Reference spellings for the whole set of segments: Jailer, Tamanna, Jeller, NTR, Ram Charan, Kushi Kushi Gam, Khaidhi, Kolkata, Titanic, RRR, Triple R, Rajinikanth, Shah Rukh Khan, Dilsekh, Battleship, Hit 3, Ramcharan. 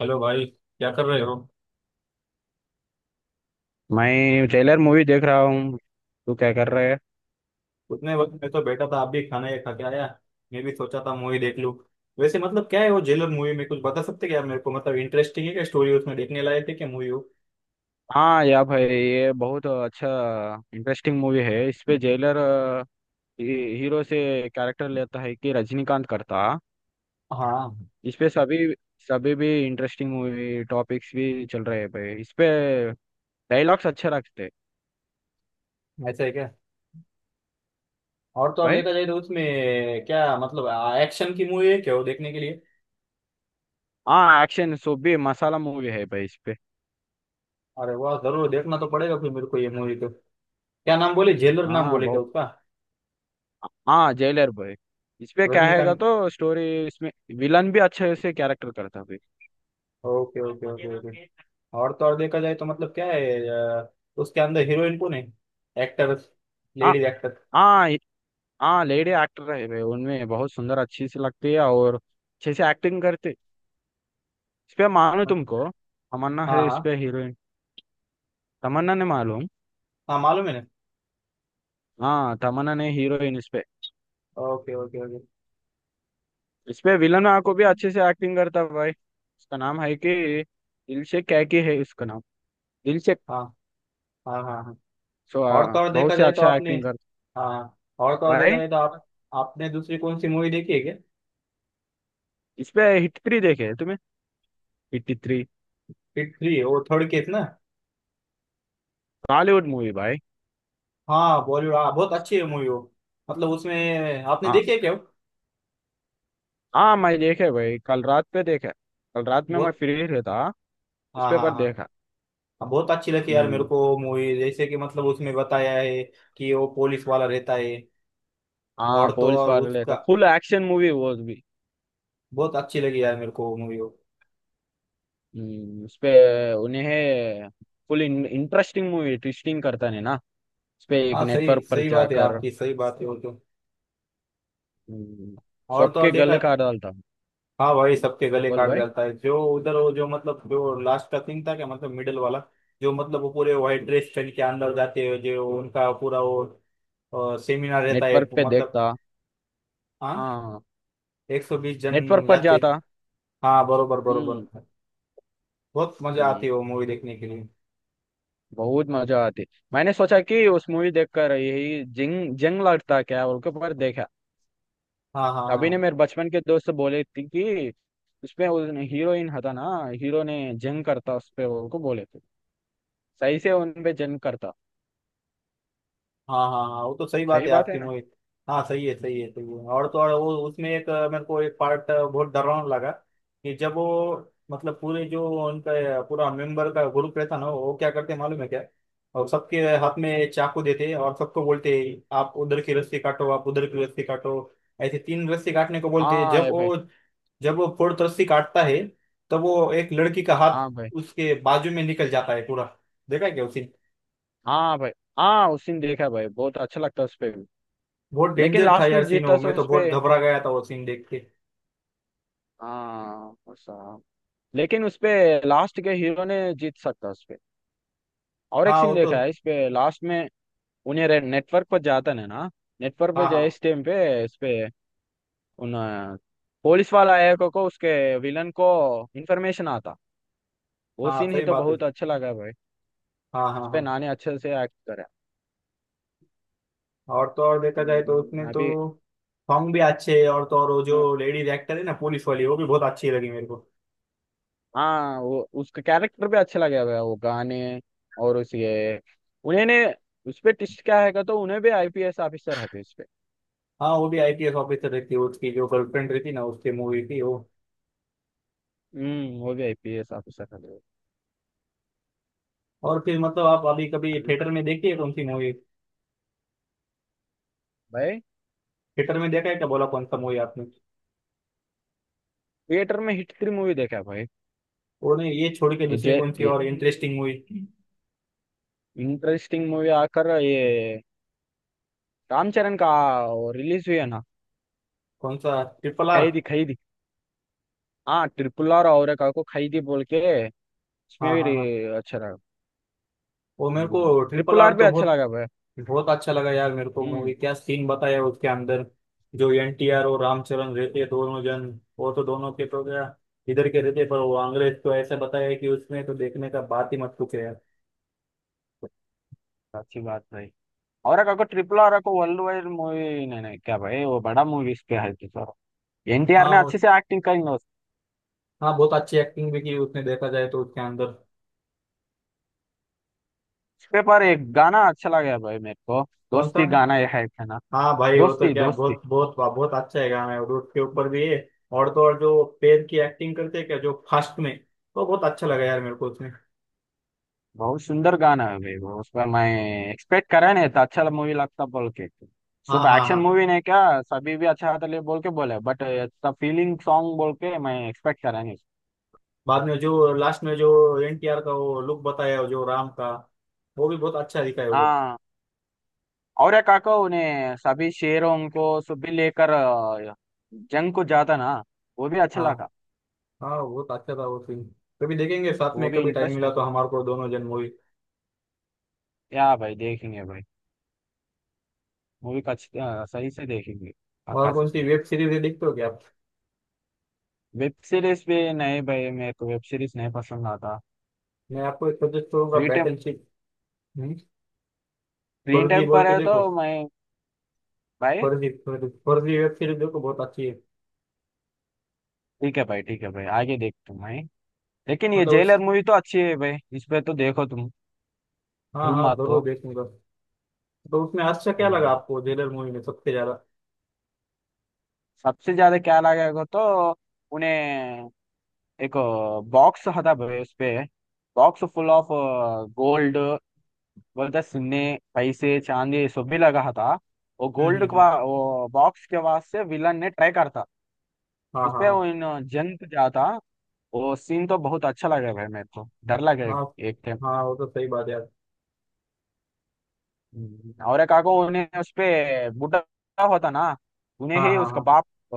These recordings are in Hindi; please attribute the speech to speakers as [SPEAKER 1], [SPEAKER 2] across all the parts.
[SPEAKER 1] हेलो भाई, क्या कर रहे हो?
[SPEAKER 2] मैं ट्रेलर मूवी देख रहा हूँ। तू क्या कर रहा है।
[SPEAKER 1] उतने वक्त में तो बैठा था, आप भी खाना ये खा के आया। मैं भी सोचा था मूवी देख लूं। वैसे मतलब क्या है, वो जेलर मूवी में कुछ बता सकते क्या मेरे को? मतलब इंटरेस्टिंग है क्या? स्टोरी उसमें देखने लायक है क्या मूवी हो?
[SPEAKER 2] हाँ या भाई ये बहुत अच्छा इंटरेस्टिंग मूवी है इस पे जेलर। हीरो से कैरेक्टर लेता है कि रजनीकांत करता।
[SPEAKER 1] हाँ,
[SPEAKER 2] इस पे सभी सभी भी इंटरेस्टिंग मूवी टॉपिक्स भी चल रहे हैं भाई इस पे। डायलॉग्स अच्छे रखते हैं
[SPEAKER 1] ऐसा है क्या? और तो और
[SPEAKER 2] भाई।
[SPEAKER 1] देखा जाए तो उसमें क्या मतलब, एक्शन की मूवी है क्या वो देखने के लिए?
[SPEAKER 2] हाँ एक्शन सो भी मसाला मूवी है भाई इस पे।
[SPEAKER 1] अरे वाह, जरूर देखना तो पड़ेगा फिर मेरे को ये मूवी तो। क्या नाम बोले, जेलर नाम
[SPEAKER 2] हाँ
[SPEAKER 1] बोले क्या
[SPEAKER 2] बहुत।
[SPEAKER 1] उसका?
[SPEAKER 2] हाँ जेलर भाई। इस पे क्या हैगा
[SPEAKER 1] रजनीकांत।
[SPEAKER 2] तो स्टोरी। इसमें विलन भी अच्छे से कैरेक्टर करता भाई।
[SPEAKER 1] Okay okay okay okay. और तो और देखा जाए तो मतलब क्या है, उसके अंदर हीरोइन कौन है? एक्टर,
[SPEAKER 2] हाँ
[SPEAKER 1] लेडीज एक्टर?
[SPEAKER 2] हाँ हाँ लेडी एक्टर है वे, उनमें बहुत सुंदर अच्छी सी लगती है और अच्छे से एक्टिंग करती। इस पे मानो
[SPEAKER 1] हाँ।
[SPEAKER 2] तुमको तमन्ना है इस
[SPEAKER 1] हाँ
[SPEAKER 2] पे हीरोइन। तमन्ना ने मालूम।
[SPEAKER 1] हाँ, मालूम है ना।
[SPEAKER 2] हाँ तमन्ना ने हीरोइन इस पे।
[SPEAKER 1] Okay okay okay.
[SPEAKER 2] इस पे विलन को भी अच्छे से एक्टिंग करता है भाई, उसका नाम है कि दिलशेख कैकी है उसका नाम, दिलशेख।
[SPEAKER 1] हाँ हाँ हाँ हाँ।
[SPEAKER 2] सो
[SPEAKER 1] और तो और
[SPEAKER 2] बहुत
[SPEAKER 1] देखा
[SPEAKER 2] से
[SPEAKER 1] जाए तो
[SPEAKER 2] अच्छा
[SPEAKER 1] आपने।
[SPEAKER 2] एक्टिंग करता
[SPEAKER 1] हाँ, और तो और देखा
[SPEAKER 2] भाई।
[SPEAKER 1] जाए तो आप आपने दूसरी कौन सी मूवी देखी है क्या?
[SPEAKER 2] इस पे हिट थ्री देखे है तुम्हें, हिट थ्री
[SPEAKER 1] हिट थ्री, वो थर्ड केस ना?
[SPEAKER 2] बॉलीवुड मूवी भाई।
[SPEAKER 1] हाँ बॉलीवुड, हाँ बहुत अच्छी है मूवी वो। मतलब उसमें आपने
[SPEAKER 2] हाँ
[SPEAKER 1] देखी है क्या वो?
[SPEAKER 2] हाँ मैं देखे भाई, कल रात पे देखा। कल रात में मैं
[SPEAKER 1] बहुत।
[SPEAKER 2] फ्री रहता, उस
[SPEAKER 1] हाँ
[SPEAKER 2] पे
[SPEAKER 1] हाँ
[SPEAKER 2] पर
[SPEAKER 1] हाँ।
[SPEAKER 2] देखा।
[SPEAKER 1] हाँ, बहुत अच्छी लगी यार मेरे
[SPEAKER 2] हम्म।
[SPEAKER 1] को मूवी, जैसे कि मतलब उसमें बताया है कि वो पुलिस वाला रहता है। और
[SPEAKER 2] हाँ
[SPEAKER 1] तो
[SPEAKER 2] पुलिस
[SPEAKER 1] और
[SPEAKER 2] वाले
[SPEAKER 1] उसका
[SPEAKER 2] था, फुल एक्शन मूवी वो भी।
[SPEAKER 1] बहुत अच्छी लगी यार मेरे को मूवी वो movie।
[SPEAKER 2] उस पे उन्हें फुल इंटरेस्टिंग मूवी ट्विस्टिंग करता है ना। उस पे
[SPEAKER 1] वो।
[SPEAKER 2] एक
[SPEAKER 1] हाँ, सही
[SPEAKER 2] नेटवर्क पर
[SPEAKER 1] सही बात है
[SPEAKER 2] जाकर
[SPEAKER 1] आपकी, सही बात है वो तो।
[SPEAKER 2] हम्म,
[SPEAKER 1] और तो और
[SPEAKER 2] सबके
[SPEAKER 1] देखा।
[SPEAKER 2] गले काट डालता।
[SPEAKER 1] हाँ भाई, सबके गले
[SPEAKER 2] बोल
[SPEAKER 1] काट
[SPEAKER 2] भाई।
[SPEAKER 1] जाता है जो उधर। वो जो मतलब जो लास्ट का सीन था क्या मतलब, मिडिल वाला? जो मतलब वो पूरे व्हाइट ड्रेस पहन के अंदर जाते हैं, जो उनका पूरा वो सेमिनार रहता है
[SPEAKER 2] नेटवर्क पे
[SPEAKER 1] मतलब।
[SPEAKER 2] देखता।
[SPEAKER 1] हाँ,
[SPEAKER 2] हाँ
[SPEAKER 1] 120 जन
[SPEAKER 2] नेटवर्क पर
[SPEAKER 1] जाते हैं।
[SPEAKER 2] जाता।
[SPEAKER 1] हाँ, बरोबर बरोबर।
[SPEAKER 2] हम्म।
[SPEAKER 1] बहुत मजा आती है
[SPEAKER 2] हम्म,
[SPEAKER 1] वो मूवी देखने के लिए।
[SPEAKER 2] बहुत मजा आती। मैंने सोचा कि उस मूवी देखकर यही जंग जंग लड़ता क्या बोल के पर देखा।
[SPEAKER 1] हाँ हाँ
[SPEAKER 2] अभी ने
[SPEAKER 1] हाँ
[SPEAKER 2] मेरे बचपन के दोस्त बोले थे कि उसपे उस हीरोइन था ना, हीरो ने जंग करता उस पे उनको बोले थे, सही से उन पे जंग करता।
[SPEAKER 1] हाँ हाँ हाँ, वो तो सही बात
[SPEAKER 2] सही
[SPEAKER 1] है
[SPEAKER 2] बात है
[SPEAKER 1] आपकी
[SPEAKER 2] ना।
[SPEAKER 1] मोहित। हाँ, सही है सही है सही है। और तो और वो उसमें एक मेरे को एक पार्ट बहुत डरावना लगा कि जब वो मतलब पूरे जो उनका, पूरा मेंबर का ग्रुप रहता ना, वो क्या करते मालूम है क्या? और सबके हाथ में चाकू देते और सबको बोलते, आप उधर की रस्सी काटो, आप उधर की रस्सी काटो। ऐसे तीन रस्सी काटने को बोलते हैं।
[SPEAKER 2] हाँ
[SPEAKER 1] जब
[SPEAKER 2] ये भाई।
[SPEAKER 1] वो फोर्थ रस्सी काटता है, तब वो एक लड़की का हाथ
[SPEAKER 2] हाँ भाई
[SPEAKER 1] उसके बाजू में निकल जाता है पूरा। देखा है क्या उसी?
[SPEAKER 2] हाँ भाई। हाँ उस दिन देखा भाई, बहुत अच्छा लगता है उस पे भी।
[SPEAKER 1] बहुत
[SPEAKER 2] लेकिन
[SPEAKER 1] डेंजर था
[SPEAKER 2] लास्ट
[SPEAKER 1] यार
[SPEAKER 2] में
[SPEAKER 1] सीन
[SPEAKER 2] जीतता
[SPEAKER 1] वो,
[SPEAKER 2] से
[SPEAKER 1] मैं तो
[SPEAKER 2] उस पे।
[SPEAKER 1] बहुत घबरा गया था वो सीन देख के।
[SPEAKER 2] हाँ साहब। लेकिन उस पे लास्ट के हीरो ने जीत सकता उस पे। और एक
[SPEAKER 1] हाँ वो
[SPEAKER 2] सीन
[SPEAKER 1] तो।
[SPEAKER 2] देखा है इस पे लास्ट में। उन्हें नेटवर्क पर जाता है ना, नेटवर्क पे
[SPEAKER 1] हाँ
[SPEAKER 2] जाए
[SPEAKER 1] हाँ
[SPEAKER 2] इस टाइम पे। इस पे उन पुलिस वाला एक को, उसके विलन को इन्फॉर्मेशन आता, वो
[SPEAKER 1] हाँ,
[SPEAKER 2] सीन ही
[SPEAKER 1] सही
[SPEAKER 2] तो
[SPEAKER 1] बात है।
[SPEAKER 2] बहुत अच्छा लगा भाई।
[SPEAKER 1] हाँ
[SPEAKER 2] उस
[SPEAKER 1] हाँ
[SPEAKER 2] पे
[SPEAKER 1] हाँ,
[SPEAKER 2] नानी अच्छे से एक्ट करे।
[SPEAKER 1] और तो और देखा जाए तो उसने तो
[SPEAKER 2] अभी।
[SPEAKER 1] सॉन्ग भी अच्छे है। और तो और वो
[SPEAKER 2] हम्म,
[SPEAKER 1] जो लेडीज एक्टर है ना, पुलिस वाली वो भी बहुत अच्छी लगी मेरे को।
[SPEAKER 2] हाँ वो उसका कैरेक्टर भी अच्छा लगा भाई, वो गाने और उसके, उन्हें उस पे टिस्ट क्या है का तो उन्हें भी आईपीएस ऑफिसर हथे उस पे।
[SPEAKER 1] हाँ, वो भी आईपीएस ऑफिसर रहती है, उसकी जो गर्लफ्रेंड रहती ना उसकी, मूवी थी वो।
[SPEAKER 2] वो भी आईपीएस ऑफिसर हथे।
[SPEAKER 1] और फिर मतलब, आप अभी कभी
[SPEAKER 2] अभी
[SPEAKER 1] थिएटर में देखी है कौन सी मूवी?
[SPEAKER 2] भाई।
[SPEAKER 1] थिएटर में देखा है क्या, बोला कौन सा मूवी आपने?
[SPEAKER 2] थिएटर में हिट थ्री मूवी देखा भाई।
[SPEAKER 1] वो नहीं, ये छोड़ के
[SPEAKER 2] ये
[SPEAKER 1] दूसरी
[SPEAKER 2] जे
[SPEAKER 1] कौन सी और इंटरेस्टिंग मूवी?
[SPEAKER 2] इंटरेस्टिंग मूवी आकर ये रामचरण का रिलीज हुई है ना।
[SPEAKER 1] कौन सा, ट्रिपल आर?
[SPEAKER 2] खैदी खैदी। हाँ ट्रिपल आर और एक को खाई थी बोल के, इसमें
[SPEAKER 1] हाँ
[SPEAKER 2] भी
[SPEAKER 1] हाँ हाँ,
[SPEAKER 2] अच्छा लगा।
[SPEAKER 1] वो मेरे को ट्रिपल
[SPEAKER 2] ट्रिपल
[SPEAKER 1] आर
[SPEAKER 2] आर भी
[SPEAKER 1] तो
[SPEAKER 2] अच्छा
[SPEAKER 1] बहुत
[SPEAKER 2] लगा भाई।
[SPEAKER 1] बहुत अच्छा लगा यार मेरे को मूवी।
[SPEAKER 2] हम्म।
[SPEAKER 1] क्या सीन बताया उसके अंदर, जो एनटीआर और रामचरण रहते हैं दोनों जन। वो तो दोनों के तो क्या, इधर के रहते हैं, पर वो अंग्रेज तो ऐसे बताया है कि उसमें तो देखने का बात ही मत पूछे यार।
[SPEAKER 2] अच्छी बात भाई। और एक को RRR को वर्ल्ड वाइड मूवी नहीं नहीं क्या भाई, वो बड़ा मूवी इस पे है तो सर। एनटीआर
[SPEAKER 1] हाँ
[SPEAKER 2] ने अच्छे से एक्टिंग करी ना उस
[SPEAKER 1] हाँ बहुत अच्छी एक्टिंग भी की उसने देखा जाए तो उसके अंदर।
[SPEAKER 2] पे, पर एक गाना अच्छा लगा भाई मेरे को,
[SPEAKER 1] कौन सा?
[SPEAKER 2] दोस्ती गाना ये है ना,
[SPEAKER 1] हाँ भाई वो तो
[SPEAKER 2] दोस्ती
[SPEAKER 1] क्या,
[SPEAKER 2] दोस्ती।
[SPEAKER 1] बहुत बहुत बहुत अच्छा है गाना है और उसके ऊपर भी है। और तो और जो पैर की एक्टिंग करते हैं क्या जो फास्ट में, तो बहुत अच्छा लगा यार मेरे को उसमें।
[SPEAKER 2] बहुत सुंदर गाना है भाई वो, उस पर मैं एक्सपेक्ट करा नहीं था अच्छा मूवी लगता बोल के।
[SPEAKER 1] हाँ
[SPEAKER 2] सुबह
[SPEAKER 1] हाँ
[SPEAKER 2] एक्शन
[SPEAKER 1] हाँ।
[SPEAKER 2] मूवी ने क्या सभी भी अच्छा था ले बोल के बोले, बट इतना फीलिंग सॉन्ग बोल के मैं एक्सपेक्ट करा नहीं।
[SPEAKER 1] बाद में जो लास्ट में जो एनटीआर का वो लुक बताया हो, जो राम का, वो भी बहुत अच्छा दिखाया वो लोग।
[SPEAKER 2] हाँ और एक काका उन्हें सभी शेरों को सभी लेकर जंग को जाता ना, वो भी अच्छा
[SPEAKER 1] हाँ।
[SPEAKER 2] लगा।
[SPEAKER 1] हाँ बहुत अच्छा था वो फिल्म। कभी देखेंगे साथ
[SPEAKER 2] वो
[SPEAKER 1] में,
[SPEAKER 2] भी
[SPEAKER 1] कभी टाइम
[SPEAKER 2] इंटरेस्ट
[SPEAKER 1] मिला
[SPEAKER 2] है।
[SPEAKER 1] तो हमारे को दोनों जन मूवी।
[SPEAKER 2] या भाई देखेंगे भाई, मूवी का सही से देखेंगे
[SPEAKER 1] और
[SPEAKER 2] काका से।
[SPEAKER 1] कौन सी वेब सीरीज देखते हो क्या आप?
[SPEAKER 2] वेब सीरीज भी नहीं भाई, मेरे को वेब सीरीज नहीं पसंद आता।
[SPEAKER 1] मैं आपको एक सजेस्ट करूंगा,
[SPEAKER 2] free time,
[SPEAKER 1] battleship.
[SPEAKER 2] Free
[SPEAKER 1] Farzi
[SPEAKER 2] time
[SPEAKER 1] बोल
[SPEAKER 2] पर
[SPEAKER 1] के
[SPEAKER 2] है तो
[SPEAKER 1] देखो।
[SPEAKER 2] मैं भाई।
[SPEAKER 1] फर्जी फर्जी फर्जी वेब सीरीज देखो, बहुत अच्छी है।
[SPEAKER 2] ठीक है भाई ठीक है भाई, आगे देखते हैं भाई। लेकिन ये
[SPEAKER 1] मतलब
[SPEAKER 2] जेलर
[SPEAKER 1] उस,
[SPEAKER 2] मूवी तो अच्छी है भाई, इस पे तो देखो तुम,
[SPEAKER 1] हाँ
[SPEAKER 2] भूल
[SPEAKER 1] हाँ
[SPEAKER 2] मत
[SPEAKER 1] जरूर
[SPEAKER 2] तो।
[SPEAKER 1] देखूंगा। तो उसमें अच्छा क्या लगा
[SPEAKER 2] हम्म,
[SPEAKER 1] आपको जेलर मूवी में सबसे ज्यादा?
[SPEAKER 2] सबसे ज्यादा क्या लगेगा तो उन्हें एक बॉक्स हटा भाई उस पे, बॉक्स फुल ऑफ गोल्ड बोलते सुन्ने पैसे चांदी ये सब भी लगा था। वो गोल्ड
[SPEAKER 1] हम्म।
[SPEAKER 2] का वो बॉक्स के वास्ते विलन ने ट्राई करता
[SPEAKER 1] हाँ
[SPEAKER 2] उस
[SPEAKER 1] हाँ
[SPEAKER 2] पे,
[SPEAKER 1] हाँ।
[SPEAKER 2] वो इन जंत जाता, वो सीन तो बहुत अच्छा लगा भाई, मेरे को डर लगा एक,
[SPEAKER 1] हाँ
[SPEAKER 2] एक time।
[SPEAKER 1] हाँ, वो तो सही बात है यार।
[SPEAKER 2] और काको ने उस पे बुड्ढा होता ना, उन्हें
[SPEAKER 1] हाँ
[SPEAKER 2] ही
[SPEAKER 1] हाँ
[SPEAKER 2] उसका
[SPEAKER 1] हाँ।
[SPEAKER 2] बाप अ,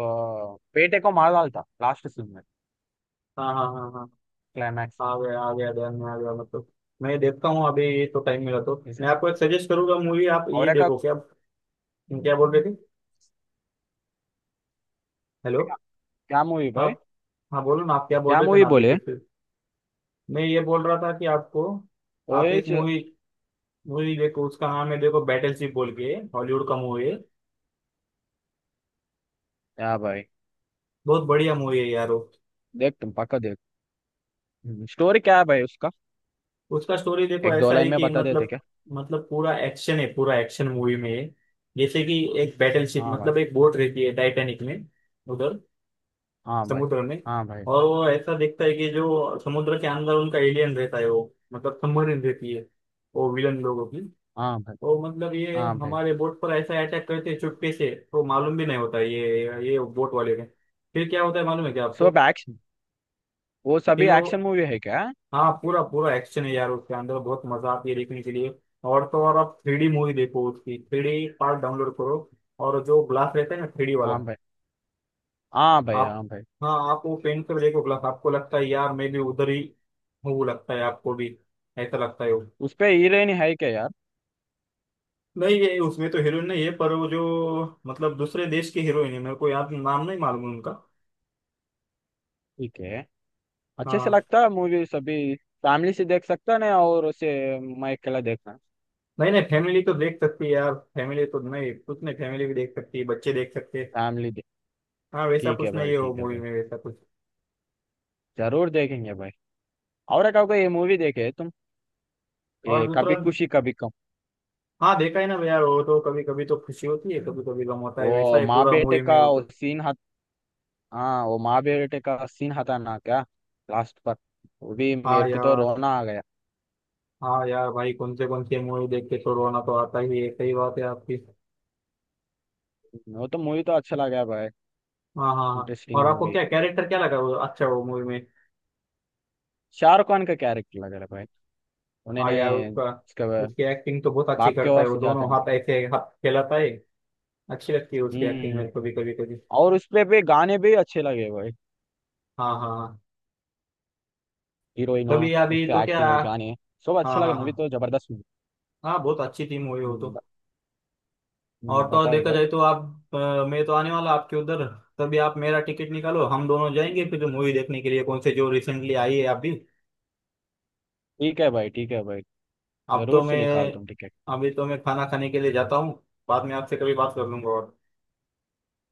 [SPEAKER 2] बेटे को मार डालता लास्ट सीन में,
[SPEAKER 1] हाँ हाँ हाँ हाँ।
[SPEAKER 2] क्लाइमैक्स।
[SPEAKER 1] आ गया आ गया, ध्यान में आ गया मतलब। मैं देखता हूँ अभी ये, तो टाइम मिला तो मैं आपको एक सजेस्ट करूंगा मूवी, आप ये
[SPEAKER 2] और का
[SPEAKER 1] देखो क्या। क्या बोल रहे थे? हेलो?
[SPEAKER 2] क्या। क्या मूवी भाई,
[SPEAKER 1] आप? हाँ, बोलो ना, आप क्या बोल
[SPEAKER 2] क्या
[SPEAKER 1] रहे थे
[SPEAKER 2] मूवी
[SPEAKER 1] ना, आप भी
[SPEAKER 2] बोले।
[SPEAKER 1] कुछ। मैं ये बोल रहा था कि आपको, आप
[SPEAKER 2] ओए
[SPEAKER 1] एक
[SPEAKER 2] च-
[SPEAKER 1] मूवी, मूवी देखो, उसका नाम है, देखो, बैटलशिप बोल के हॉलीवुड का मूवी है।
[SPEAKER 2] क्या भाई,
[SPEAKER 1] बहुत बढ़िया मूवी है यार वो।
[SPEAKER 2] देख तुम पक्का देख, स्टोरी क्या है भाई उसका,
[SPEAKER 1] उसका स्टोरी देखो,
[SPEAKER 2] एक दो
[SPEAKER 1] ऐसा
[SPEAKER 2] लाइन
[SPEAKER 1] है
[SPEAKER 2] में
[SPEAKER 1] कि
[SPEAKER 2] बता देते
[SPEAKER 1] मतलब
[SPEAKER 2] क्या।
[SPEAKER 1] पूरा एक्शन है, पूरा एक्शन मूवी में है। जैसे कि एक बैटलशिप
[SPEAKER 2] हाँ भाई
[SPEAKER 1] मतलब एक बोट रहती है टाइटैनिक में, उधर
[SPEAKER 2] हाँ भाई
[SPEAKER 1] समुद्र में।
[SPEAKER 2] हाँ भाई
[SPEAKER 1] और वो ऐसा देखता है कि जो समुद्र के अंदर उनका एलियन रहता है, वो मतलब सबमरीन रहती है, वो विलन लोगों की।
[SPEAKER 2] हाँ भाई
[SPEAKER 1] तो मतलब ये
[SPEAKER 2] हाँ भाई।
[SPEAKER 1] हमारे बोट पर ऐसा अटैक करते हैं चुपके से, तो मालूम भी नहीं होता है ये बोट वाले ने। फिर क्या होता है मालूम है क्या
[SPEAKER 2] सो
[SPEAKER 1] आपको?
[SPEAKER 2] बैक्स, वो सभी
[SPEAKER 1] फिर वो,
[SPEAKER 2] एक्शन मूवी है क्या।
[SPEAKER 1] हाँ, पूरा पूरा एक्शन है यार उसके अंदर, बहुत मजा आती है देखने के लिए। और तो और आप थ्री डी मूवी देखो, उसकी थ्री डी पार्ट डाउनलोड करो। और जो ग्लास रहता है ना थ्री डी
[SPEAKER 2] हाँ
[SPEAKER 1] वाला,
[SPEAKER 2] भाई हाँ भाई
[SPEAKER 1] आप,
[SPEAKER 2] हाँ भाई।
[SPEAKER 1] हाँ आप वो पेन कर देखो ग्लास, आपको लगता है यार मैं भी उधर ही हूँ, लगता है आपको भी ऐसा लगता है वो।
[SPEAKER 2] उस पे हीरोइन है क्या यार।
[SPEAKER 1] नहीं ये उसमें तो हीरोइन नहीं है, पर वो जो मतलब दूसरे देश की हीरोइन है, मेरे को याद नाम नहीं मालूम उनका।
[SPEAKER 2] ठीक है, अच्छे से
[SPEAKER 1] हाँ,
[SPEAKER 2] लगता है मूवी सभी, फैमिली से देख सकता ना और उसे, मैं अकेला देखना।
[SPEAKER 1] नहीं नहीं, फैमिली तो देख सकती है यार, फैमिली तो नहीं कुछ नहीं, फैमिली भी देख सकती है, बच्चे देख सकते हैं।
[SPEAKER 2] फैमिली दे।
[SPEAKER 1] हाँ वैसा
[SPEAKER 2] ठीक है
[SPEAKER 1] कुछ नहीं
[SPEAKER 2] भाई
[SPEAKER 1] है वो
[SPEAKER 2] ठीक है
[SPEAKER 1] मूवी
[SPEAKER 2] भाई,
[SPEAKER 1] में, वैसा कुछ।
[SPEAKER 2] जरूर देखेंगे भाई। और एक आपको ये मूवी देखे तुम,
[SPEAKER 1] और
[SPEAKER 2] ये
[SPEAKER 1] दूसरा,
[SPEAKER 2] कभी खुशी कभी गम।
[SPEAKER 1] हाँ देखा है ना यार, वो तो कभी कभी तो खुशी होती है, कभी कभी गम होता है, वैसा
[SPEAKER 2] वो
[SPEAKER 1] ही
[SPEAKER 2] माँ
[SPEAKER 1] पूरा
[SPEAKER 2] बेटे
[SPEAKER 1] मूवी
[SPEAKER 2] का
[SPEAKER 1] में वो तो।
[SPEAKER 2] वो सीन हत, हाँ वो माँ बेटे का सीन हता ना क्या, लास्ट पर, वो भी मेरे
[SPEAKER 1] हाँ
[SPEAKER 2] को तो
[SPEAKER 1] यार।
[SPEAKER 2] रोना आ गया।
[SPEAKER 1] हाँ यार भाई, कौन से मूवी देख के तो रोना तो आता ही है, सही बात है आपकी।
[SPEAKER 2] वो तो मूवी तो अच्छा लगा भाई,
[SPEAKER 1] हाँ हाँ हाँ।
[SPEAKER 2] इंटरेस्टिंग
[SPEAKER 1] और आपको
[SPEAKER 2] मूवी।
[SPEAKER 1] क्या, कैरेक्टर क्या लगा वो अच्छा वो मूवी में?
[SPEAKER 2] शाहरुख खान का कैरेक्टर लग रहा है भाई,
[SPEAKER 1] हाँ
[SPEAKER 2] उन्होंने
[SPEAKER 1] यार उसका,
[SPEAKER 2] उसके
[SPEAKER 1] उसकी एक्टिंग तो बहुत अच्छी
[SPEAKER 2] बाप के
[SPEAKER 1] करता है,
[SPEAKER 2] वास
[SPEAKER 1] वो
[SPEAKER 2] जाता
[SPEAKER 1] दोनों
[SPEAKER 2] नहीं।
[SPEAKER 1] हाथ ऐसे हाथ फैलाता है। अच्छी लगती है उसकी एक्टिंग
[SPEAKER 2] हम्म।
[SPEAKER 1] मेरे को भी कभी कभी।
[SPEAKER 2] और उसपे पे गाने भी अच्छे लगे भाई,
[SPEAKER 1] हाँ हाँ हाँ।
[SPEAKER 2] हीरोइन हो,
[SPEAKER 1] कभी अभी
[SPEAKER 2] उसके
[SPEAKER 1] तो क्या।
[SPEAKER 2] एक्टिंग और गाने सब अच्छे
[SPEAKER 1] हाँ
[SPEAKER 2] लगे,
[SPEAKER 1] हाँ
[SPEAKER 2] मूवी
[SPEAKER 1] हाँ।
[SPEAKER 2] तो जबरदस्त movie।
[SPEAKER 1] हाँ बहुत अच्छी थी मूवी वो तो।
[SPEAKER 2] हम्म, ब-
[SPEAKER 1] और तो और
[SPEAKER 2] बताए
[SPEAKER 1] देखा
[SPEAKER 2] भाई।
[SPEAKER 1] जाए तो आप, मैं तो आने वाला आपके उधर, तभी आप मेरा टिकट निकालो, हम दोनों जाएंगे फिर मूवी देखने के लिए कौन से जो रिसेंटली आई है अभी।
[SPEAKER 2] ठीक है भाई ठीक है भाई,
[SPEAKER 1] अब तो
[SPEAKER 2] जरूर से
[SPEAKER 1] मैं,
[SPEAKER 2] निकाल तुम टिकट।
[SPEAKER 1] अभी तो मैं खाना खाने के लिए जाता हूँ, बाद में आपसे कभी बात कर लूंगा। और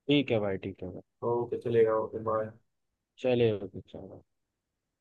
[SPEAKER 2] ठीक है भाई ठीक है भाई।
[SPEAKER 1] तो ओके चलेगा, ओके बाय।
[SPEAKER 2] चलिए चलो।